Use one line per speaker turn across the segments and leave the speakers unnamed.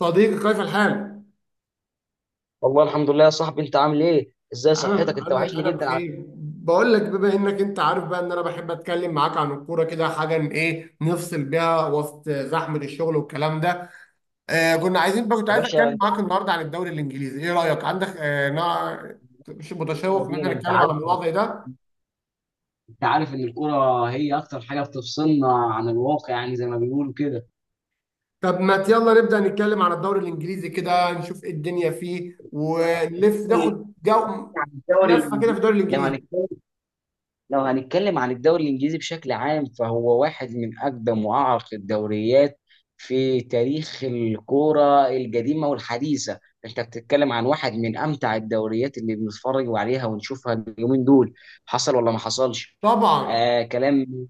صديقي كيف الحال؟
والله الحمد لله يا صاحبي، انت عامل ايه؟ ازاي صحتك؟
أنا
انت
أنا
وحشني
أنا
جدا على فكرة.
بخير، بقول لك بما إنك أنت عارف بقى إن أنا بحب أتكلم معاك عن الكورة كده، حاجة إن إيه نفصل بيها وسط زحمة الشغل والكلام ده. آه، كنا عايزين بقى، كنت
يا
عايز
باشا،
أتكلم
انت
معاك
عارف
النهاردة عن الدوري الإنجليزي. إيه رأيك؟ عندك مش
ايه
متشوق إن
المدينه،
إحنا
انت
نتكلم على
عارف
الموضوع زي ده؟
انت عارف ان الكوره هي اكتر حاجه بتفصلنا عن الواقع، يعني زي ما بيقولوا كده.
طب ما يلا نبدأ نتكلم عن الدوري الإنجليزي كده، نشوف إيه الدنيا فيه ونلف ناخد جو،
يعني الدوري،
لفة كده في الدوري
لو
الإنجليزي.
هنتكلم لو هنتكلم عن الدوري الإنجليزي بشكل عام فهو واحد من أقدم وأعرق الدوريات في تاريخ الكورة القديمة والحديثة. أنت بتتكلم عن واحد من أمتع الدوريات اللي بنتفرج عليها ونشوفها اليومين دول، حصل ولا ما حصلش.
طبعا.
آه، كلام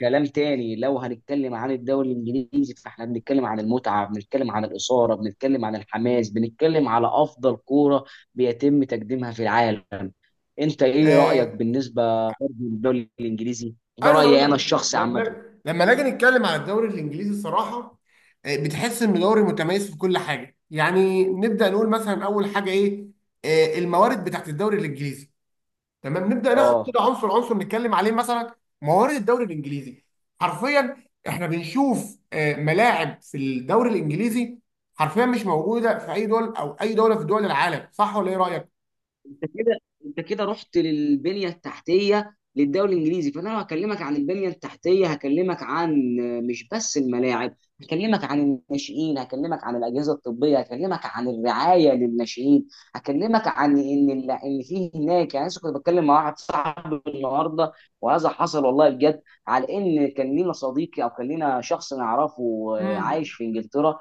كلام تاني. لو هنتكلم عن الدوري الانجليزي فاحنا بنتكلم عن المتعه، بنتكلم عن الاثاره، بنتكلم عن الحماس، بنتكلم على افضل كوره بيتم تقديمها في العالم. انت ايه رايك
آه،
بالنسبه برضه للدوري الانجليزي ده؟
انا هقول
رايي
لك
انا
حاجه.
الشخصي
لما
عامه،
لما نيجي نتكلم على الدوري الانجليزي الصراحه، بتحس انه دوري متميز في كل حاجه. يعني نبدا نقول مثلا اول حاجه ايه؟ الموارد بتاعت الدوري الانجليزي. تمام، نبدا ناخد
اه،
كده عنصر عنصر نتكلم عليه. مثلا موارد الدوري الانجليزي، حرفيا احنا بنشوف ملاعب في الدوري الانجليزي حرفيا مش موجوده في اي دول او اي دوله في دول العالم. صح ولا ايه رايك؟
انت كده انت كده رحت للبنيه التحتيه للدوري الانجليزي، فانا لو هكلمك عن البنيه التحتيه هكلمك عن مش بس الملاعب، هكلمك عن الناشئين، هكلمك عن الاجهزه الطبيه، هكلمك عن الرعايه للناشئين، هكلمك عن ان ان في هناك، يعني أنا لسه كنت بتكلم مع واحد صاحبي النهارده وهذا حصل والله بجد، على ان كان لينا صديقي او كان لينا شخص نعرفه
امم.
عايش في انجلترا،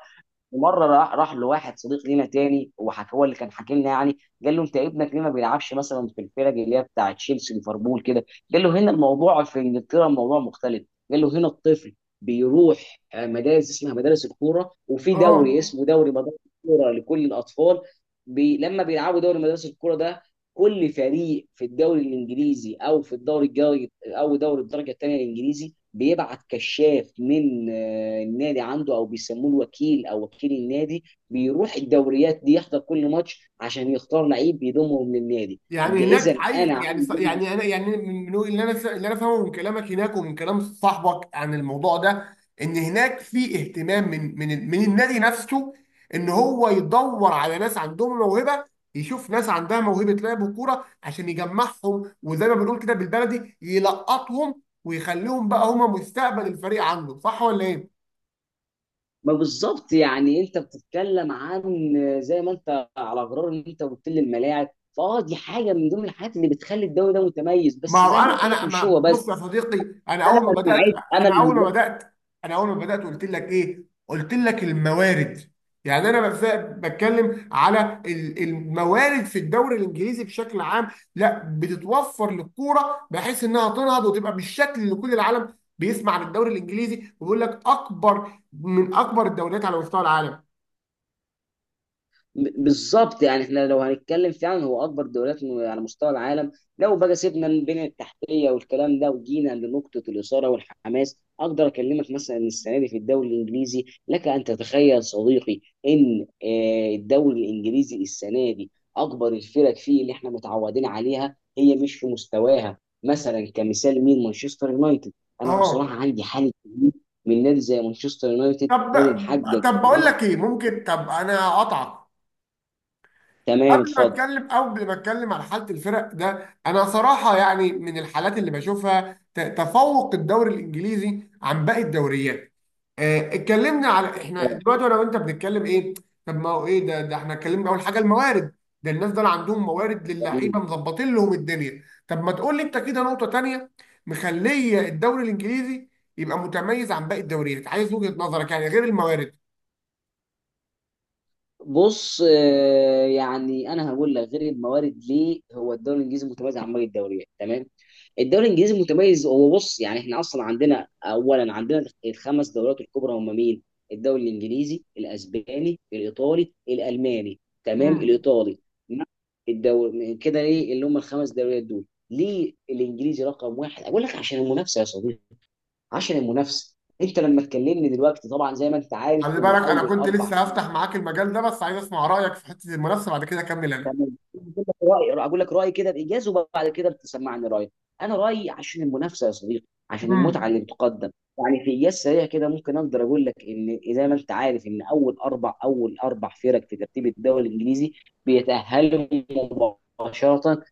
ومره راح لواحد صديق لينا تاني وحك، هو اللي كان حاكي لنا يعني. قال له انت ابنك ليه ما بيلعبش مثلا في الفرق اللي هي بتاع تشيلسي ليفربول كده؟ قال له هنا الموضوع في انجلترا الموضوع مختلف. قال له هنا الطفل بيروح مدارس اسمها مدارس الكوره، وفي دوري
اه،
اسمه دوري مدارس الكوره لكل الاطفال. بي لما بيلعبوا دوري مدارس الكوره ده، كل فريق في الدوري الانجليزي او في الدوري الجاي او دوري الدرجه الثانيه الانجليزي بيبعت كشاف من النادي عنده، او بيسموه الوكيل او وكيل النادي، بيروح الدوريات دي يحضر كل ماتش عشان يختار لعيب يضمهم للنادي.
يعني
يبقى اذا
هناك عايز،
انا
يعني
عامل
يعني انا، يعني من اللي انا، اللي انا فاهمه من كلامك هناك ومن كلام صاحبك عن الموضوع ده، ان هناك في اهتمام من النادي نفسه، ان هو يدور على ناس عندهم موهبه، يشوف ناس عندها موهبه لعب الكوره عشان يجمعهم، وزي ما بنقول كده بالبلدي يلقطهم ويخليهم بقى هم مستقبل الفريق عنده. صح ولا ايه؟
ما بالظبط، يعني انت بتتكلم عن زي ما انت، على غرار ان انت قلت لي الملاعب، فاه دي حاجه من ضمن الحاجات اللي بتخلي الدوري ده متميز،
ما
بس
هو
زي ما قلت
انا،
لك
انا
مش
ما،
هو بس.
بص يا صديقي، انا
انا
اول ما
لما اعد
بدات،
انا
انا اول ما
لما
بدات، انا اول ما بدات قلت لك ايه؟ قلت لك الموارد. يعني بتكلم على الموارد في الدوري الانجليزي بشكل عام، لا بتتوفر للكوره بحيث انها تنهض وتبقى بالشكل اللي كل العالم بيسمع عن الدوري الانجليزي وبيقول لك اكبر، من اكبر الدوريات على مستوى العالم.
بالظبط، يعني احنا لو هنتكلم فعلا هو اكبر دوريات على مستوى العالم. لو بقى سيبنا من البنيه التحتيه والكلام ده وجينا لنقطه الاثاره والحماس، اقدر اكلمك مثلا ان السنه دي في الدوري الانجليزي، لك ان تتخيل صديقي ان الدوري الانجليزي السنه دي اكبر الفرق فيه اللي احنا متعودين عليها هي مش في مستواها. مثلا كمثال مين؟ مانشستر يونايتد. انا بصراحه
اه.
عندي حاله تقليل من نادي زي مانشستر يونايتد،
طب،
نادي محقق.
طب بقول لك ايه ممكن، طب انا اقطعك
تمام،
قبل ما
اتفضل.
اتكلم، قبل ما اتكلم على حاله الفرق ده. انا صراحه يعني من الحالات اللي بشوفها تفوق الدوري الانجليزي عن باقي الدوريات. اتكلمنا على، احنا دلوقتي انا وانت بنتكلم ايه؟ طب ما هو ايه ده؟ ده احنا اتكلمنا اول حاجه الموارد، ده الناس دول عندهم موارد للعيبه مظبطين لهم الدنيا. طب ما تقول لي انت كده نقطه تانيه مخليه الدوري الانجليزي يبقى متميز عن باقي الدوريات. عايز وجهه نظرك يعني غير الموارد.
بص، يعني انا هقول لك غير الموارد ليه هو الدوري الانجليزي متميز عن باقي الدوريات. تمام، الدوري الانجليزي متميز، هو بص يعني احنا اصلا عندنا، اولا عندنا الخمس دوريات الكبرى. هم مين؟ الدوري الانجليزي، الاسباني، الايطالي، الالماني، تمام،
مم.
الايطالي. الدوري كده ليه اللي هم الخمس دوريات دول، ليه الانجليزي رقم واحد؟ اقول لك عشان المنافسه يا صديقي، عشان المنافسه. انت لما تكلمني دلوقتي طبعا زي ما انت عارف
خلي
ان
بالك انا
اول
كنت
اربع،
لسه هفتح معاك المجال ده، بس عايز اسمع رايك في حته المنافسه، بعد كده اكمل انا.
تمام. اقول لك رايي كده بايجاز وبعد كده بتسمعني رايك. انا رايي عشان المنافسه يا صديقي، عشان المتعه اللي
امم.
بتقدم. يعني في ايجاز سريع كده، ممكن اقدر اقول لك ان زي ما انت عارف ان اول اربع فرق في ترتيب الدوري الانجليزي بيتاهلوا مباشره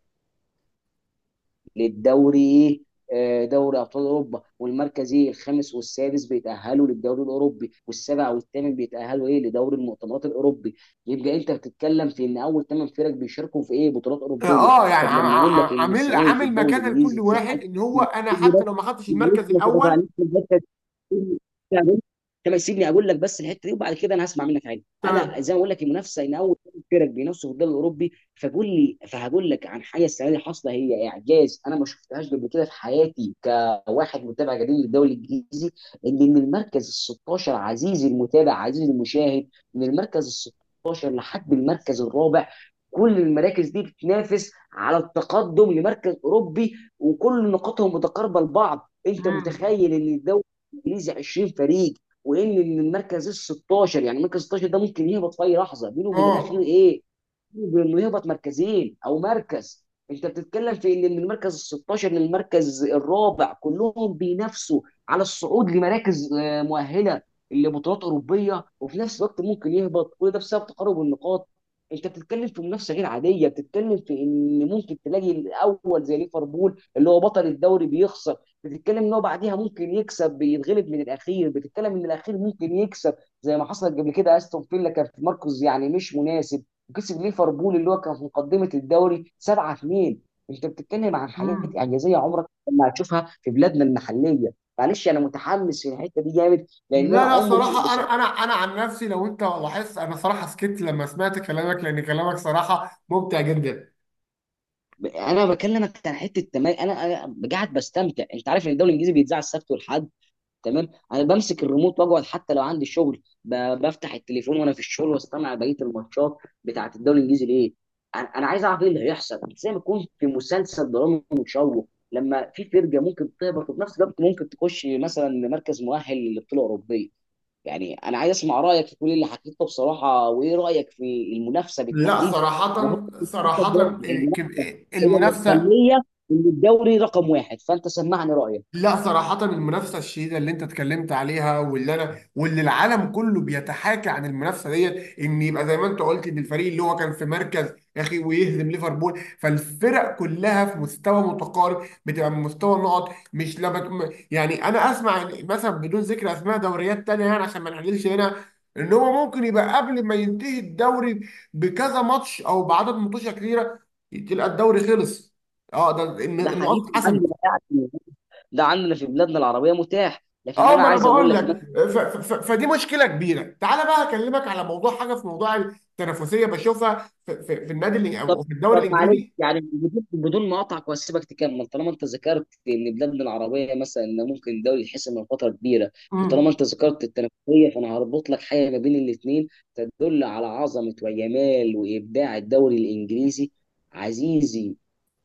للدوري، دوري ابطال اوروبا، والمركزي الخامس والسادس بيتاهلوا للدوري الاوروبي، والسابع والثامن بيتاهلوا ايه؟ لدوري المؤتمرات الاوروبي. يبقى انت بتتكلم في ان اول ثمان فرق بيشاركوا في ايه؟ بطولات اوروبيه.
اه، يعني
طب لما اقول لك ان
عامل
السنه دي في
عامل
الدوري
مكانه لكل
الانجليزي في
واحد
حاجه
ان هو انا
كتير، بس
حتى لو ما خدتش
معلش
المركز
ما
الاول.
تقاطعنيش في الحته، كما سيبني اقول لك بس الحته دي وبعد كده انا هسمع منك عادي. انا
تمام.
زي ما اقول لك المنافسه، ان اول فرق بينافسوا في الدوري الاوروبي، فقول لي، فهقول لك عن حاجه السنه دي حاصله هي إيه. اعجاز انا ما شفتهاش قبل كده في حياتي كواحد متابع قديم للدوري الانجليزي، ان من المركز ال 16 عزيزي المتابع عزيزي المشاهد، من المركز ال 16 لحد المركز الرابع كل المراكز دي بتنافس على التقدم لمركز اوروبي وكل نقاطهم متقاربه لبعض. انت
امم.
متخيل ان الدوري الانجليزي 20 فريق، وان المركز ال 16، يعني المركز 16 ده ممكن يهبط في اي لحظه؟ بينه وبين الاخير
اه.
ايه؟ بينه وبين انه يهبط مركزين او مركز. انت بتتكلم في ان من المركز ال 16 للمركز الرابع كلهم بينافسوا على الصعود لمراكز مؤهله لبطولات اوروبيه، وفي نفس الوقت ممكن يهبط كل ده بسبب تقارب النقاط. انت بتتكلم في منافسه غير عاديه، بتتكلم في ان ممكن تلاقي الاول زي ليفربول اللي هو بطل الدوري بيخسر، بتتكلم ان هو بعديها ممكن يكسب بيتغلب من الاخير، بتتكلم ان الاخير ممكن يكسب. زي ما حصلت قبل كده استون فيلا كان في مركز يعني مش مناسب وكسب ليفربول اللي هو كان في مقدمه الدوري 7-2. انت بتتكلم عن حاجات
امم.
اعجازيه عمرك ما هتشوفها في بلادنا المحليه. معلش انا متحمس في الحته دي جامد
لا
لان انا
لا،
عمري
صراحه
بص.
انا، انا عن نفسي لو انت لاحظت انا صراحه سكت لما سمعت كلامك، لان كلامك صراحه ممتع جدا.
انا بكلمك عن حته، تمام. انا قاعد بستمتع. انت عارف ان الدوري الانجليزي بيتذاع السبت والحد، تمام. انا بمسك الريموت واقعد حتى لو عندي شغل، بفتح التليفون وانا في الشغل واستمع بقيه الماتشات بتاعه الدوري الانجليزي. ليه؟ أنا عايز اعرف ايه اللي هيحصل، زي ما يكون في مسلسل درامي مشوق، لما في فرقه ممكن تهبط وفي نفس الوقت ممكن تخش مثلا لمركز مؤهل للبطوله الاوروبيه. يعني انا عايز اسمع رايك في كل اللي حكيته بصراحه، وايه رايك في المنافسه
لا
بالتحديد؟
صراحه،
وهو
صراحه
المنافسه هي اللي
المنافسه.
مخليه ان الدوري رقم واحد، فانت سمعني رايك.
لا صراحة، المنافسة الشديدة اللي انت اتكلمت عليها واللي انا واللي العالم كله بيتحاكى عن المنافسة ديت، ان يبقى زي ما انت قلت ان الفريق اللي هو كان في مركز يا اخي ويهزم ليفربول. فالفرق كلها في مستوى متقارب، بتبقى من مستوى النقط، مش لما يعني انا اسمع مثلا بدون ذكر اسماء دوريات تانية يعني عشان ما نحللش هنا، ان هو ممكن يبقى قبل ما ينتهي الدوري بكذا ماتش او بعدد ماتشات كتيرة تلقى الدوري خلص. اه، ده ان،
ده
ان
حقيقي
قصدي
عندي،
اتحسمت.
ده عندنا في بلادنا العربيه متاح، لكن
اه،
انا
ما انا
عايز اقول
بقول
لك.
لك، فدي مشكله كبيره. تعالى بقى اكلمك على موضوع حاجه في موضوع التنافسيه بشوفها في النادي
طب،
او في الدوري
طب معلش،
الانجليزي.
يعني بدون ما اقطعك واسيبك تكمل، طالما انت ذكرت ان بلادنا العربيه مثلا إن ممكن الدوري يتحسم من فتره كبيره، وطالما انت
امم.
ذكرت التنافسيه، فانا هربط لك حاجه ما بين الاثنين تدل على عظمه وجمال وابداع الدوري الانجليزي. عزيزي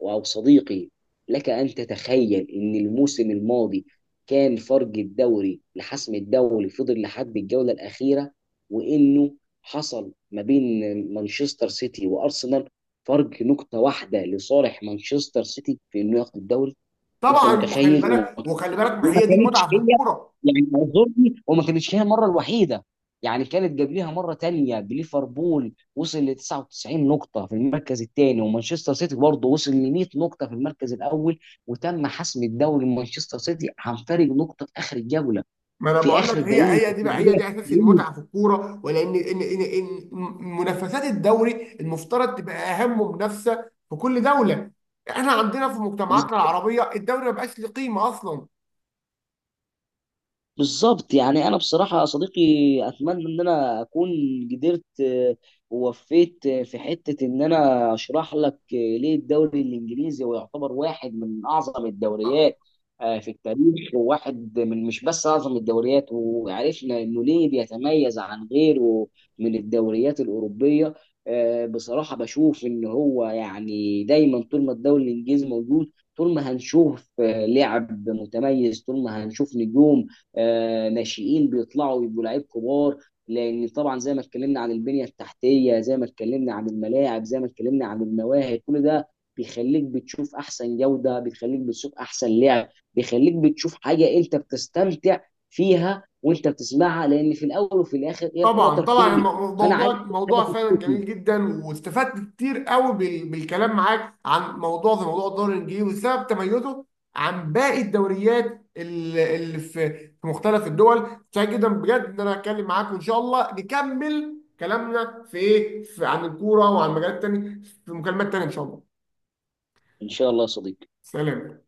او صديقي، لك ان تتخيل ان الموسم الماضي كان فرق الدوري لحسم الدوري فضل لحد الجوله الاخيره، وانه حصل ما بين مانشستر سيتي وارسنال فرق نقطة واحدة لصالح مانشستر سيتي في انه ياخد الدوري. انت
طبعا. وخلي
متخيل؟ وما
بالك وخلي بالك ما
وما
هي دي
كانتش
المتعه في
هي
الكوره.
يعني اعذرني، وما كانتش هي المرة الوحيدة، يعني كانت قبلها مرة تانية بليفربول وصل ل 99 نقطة في المركز الثاني ومانشستر سيتي برضه وصل ل 100 نقطة في المركز الأول، وتم حسم الدوري لمانشستر سيتي عن فرق نقطة في آخر الجولة،
ما انا
في
بقول لك،
آخر
هي
الدقيقة،
هي دي
في
بقى، هي
الدقيقة
دي اساس المتعه في الكوره. ولان ان منافسات الدوري المفترض تبقى اهم منافسه في كل دوله، احنا عندنا في
90.
مجتمعاتنا العربيه الدوري ما بقاش له قيمه اصلا.
بالظبط، يعني انا بصراحه يا صديقي اتمنى ان انا اكون قدرت ووفيت في حته ان انا اشرح لك ليه الدوري الانجليزي هو يعتبر واحد من اعظم الدوريات في التاريخ، وواحد من مش بس اعظم الدوريات وعرفنا انه ليه بيتميز عن غيره من الدوريات الاوروبيه. بصراحه بشوف ان هو يعني دايما طول ما الدوري الانجليزي موجود، طول ما هنشوف لعب متميز، طول ما هنشوف نجوم ناشئين بيطلعوا يبقوا لعيب كبار، لان طبعا زي ما اتكلمنا عن البنيه التحتيه، زي ما اتكلمنا عن الملاعب، زي ما اتكلمنا عن المواهب، كل ده بيخليك بتشوف احسن جوده، بيخليك بتشوف احسن لعب، بيخليك بتشوف حاجه انت بتستمتع فيها وانت بتسمعها، لان في الاول وفي الاخر هي الكره
طبعا طبعا،
ترفيه. فانا عايز
موضوع
أشوف حاجه
موضوع
في
فعلا
التكنيك.
جميل جدا، واستفدت كتير قوي بالكلام معاك عن موضوع زي موضوع الدوري الانجليزي وسبب تميزه عن باقي الدوريات اللي في، في مختلف الدول. سعيد جدا بجد ان انا اتكلم معاك، وان شاء الله نكمل كلامنا في ايه، في عن الكوره وعن مجالات تانية في مكالمات تانية ان شاء الله.
ان شاء الله يا صديقي.
سلام.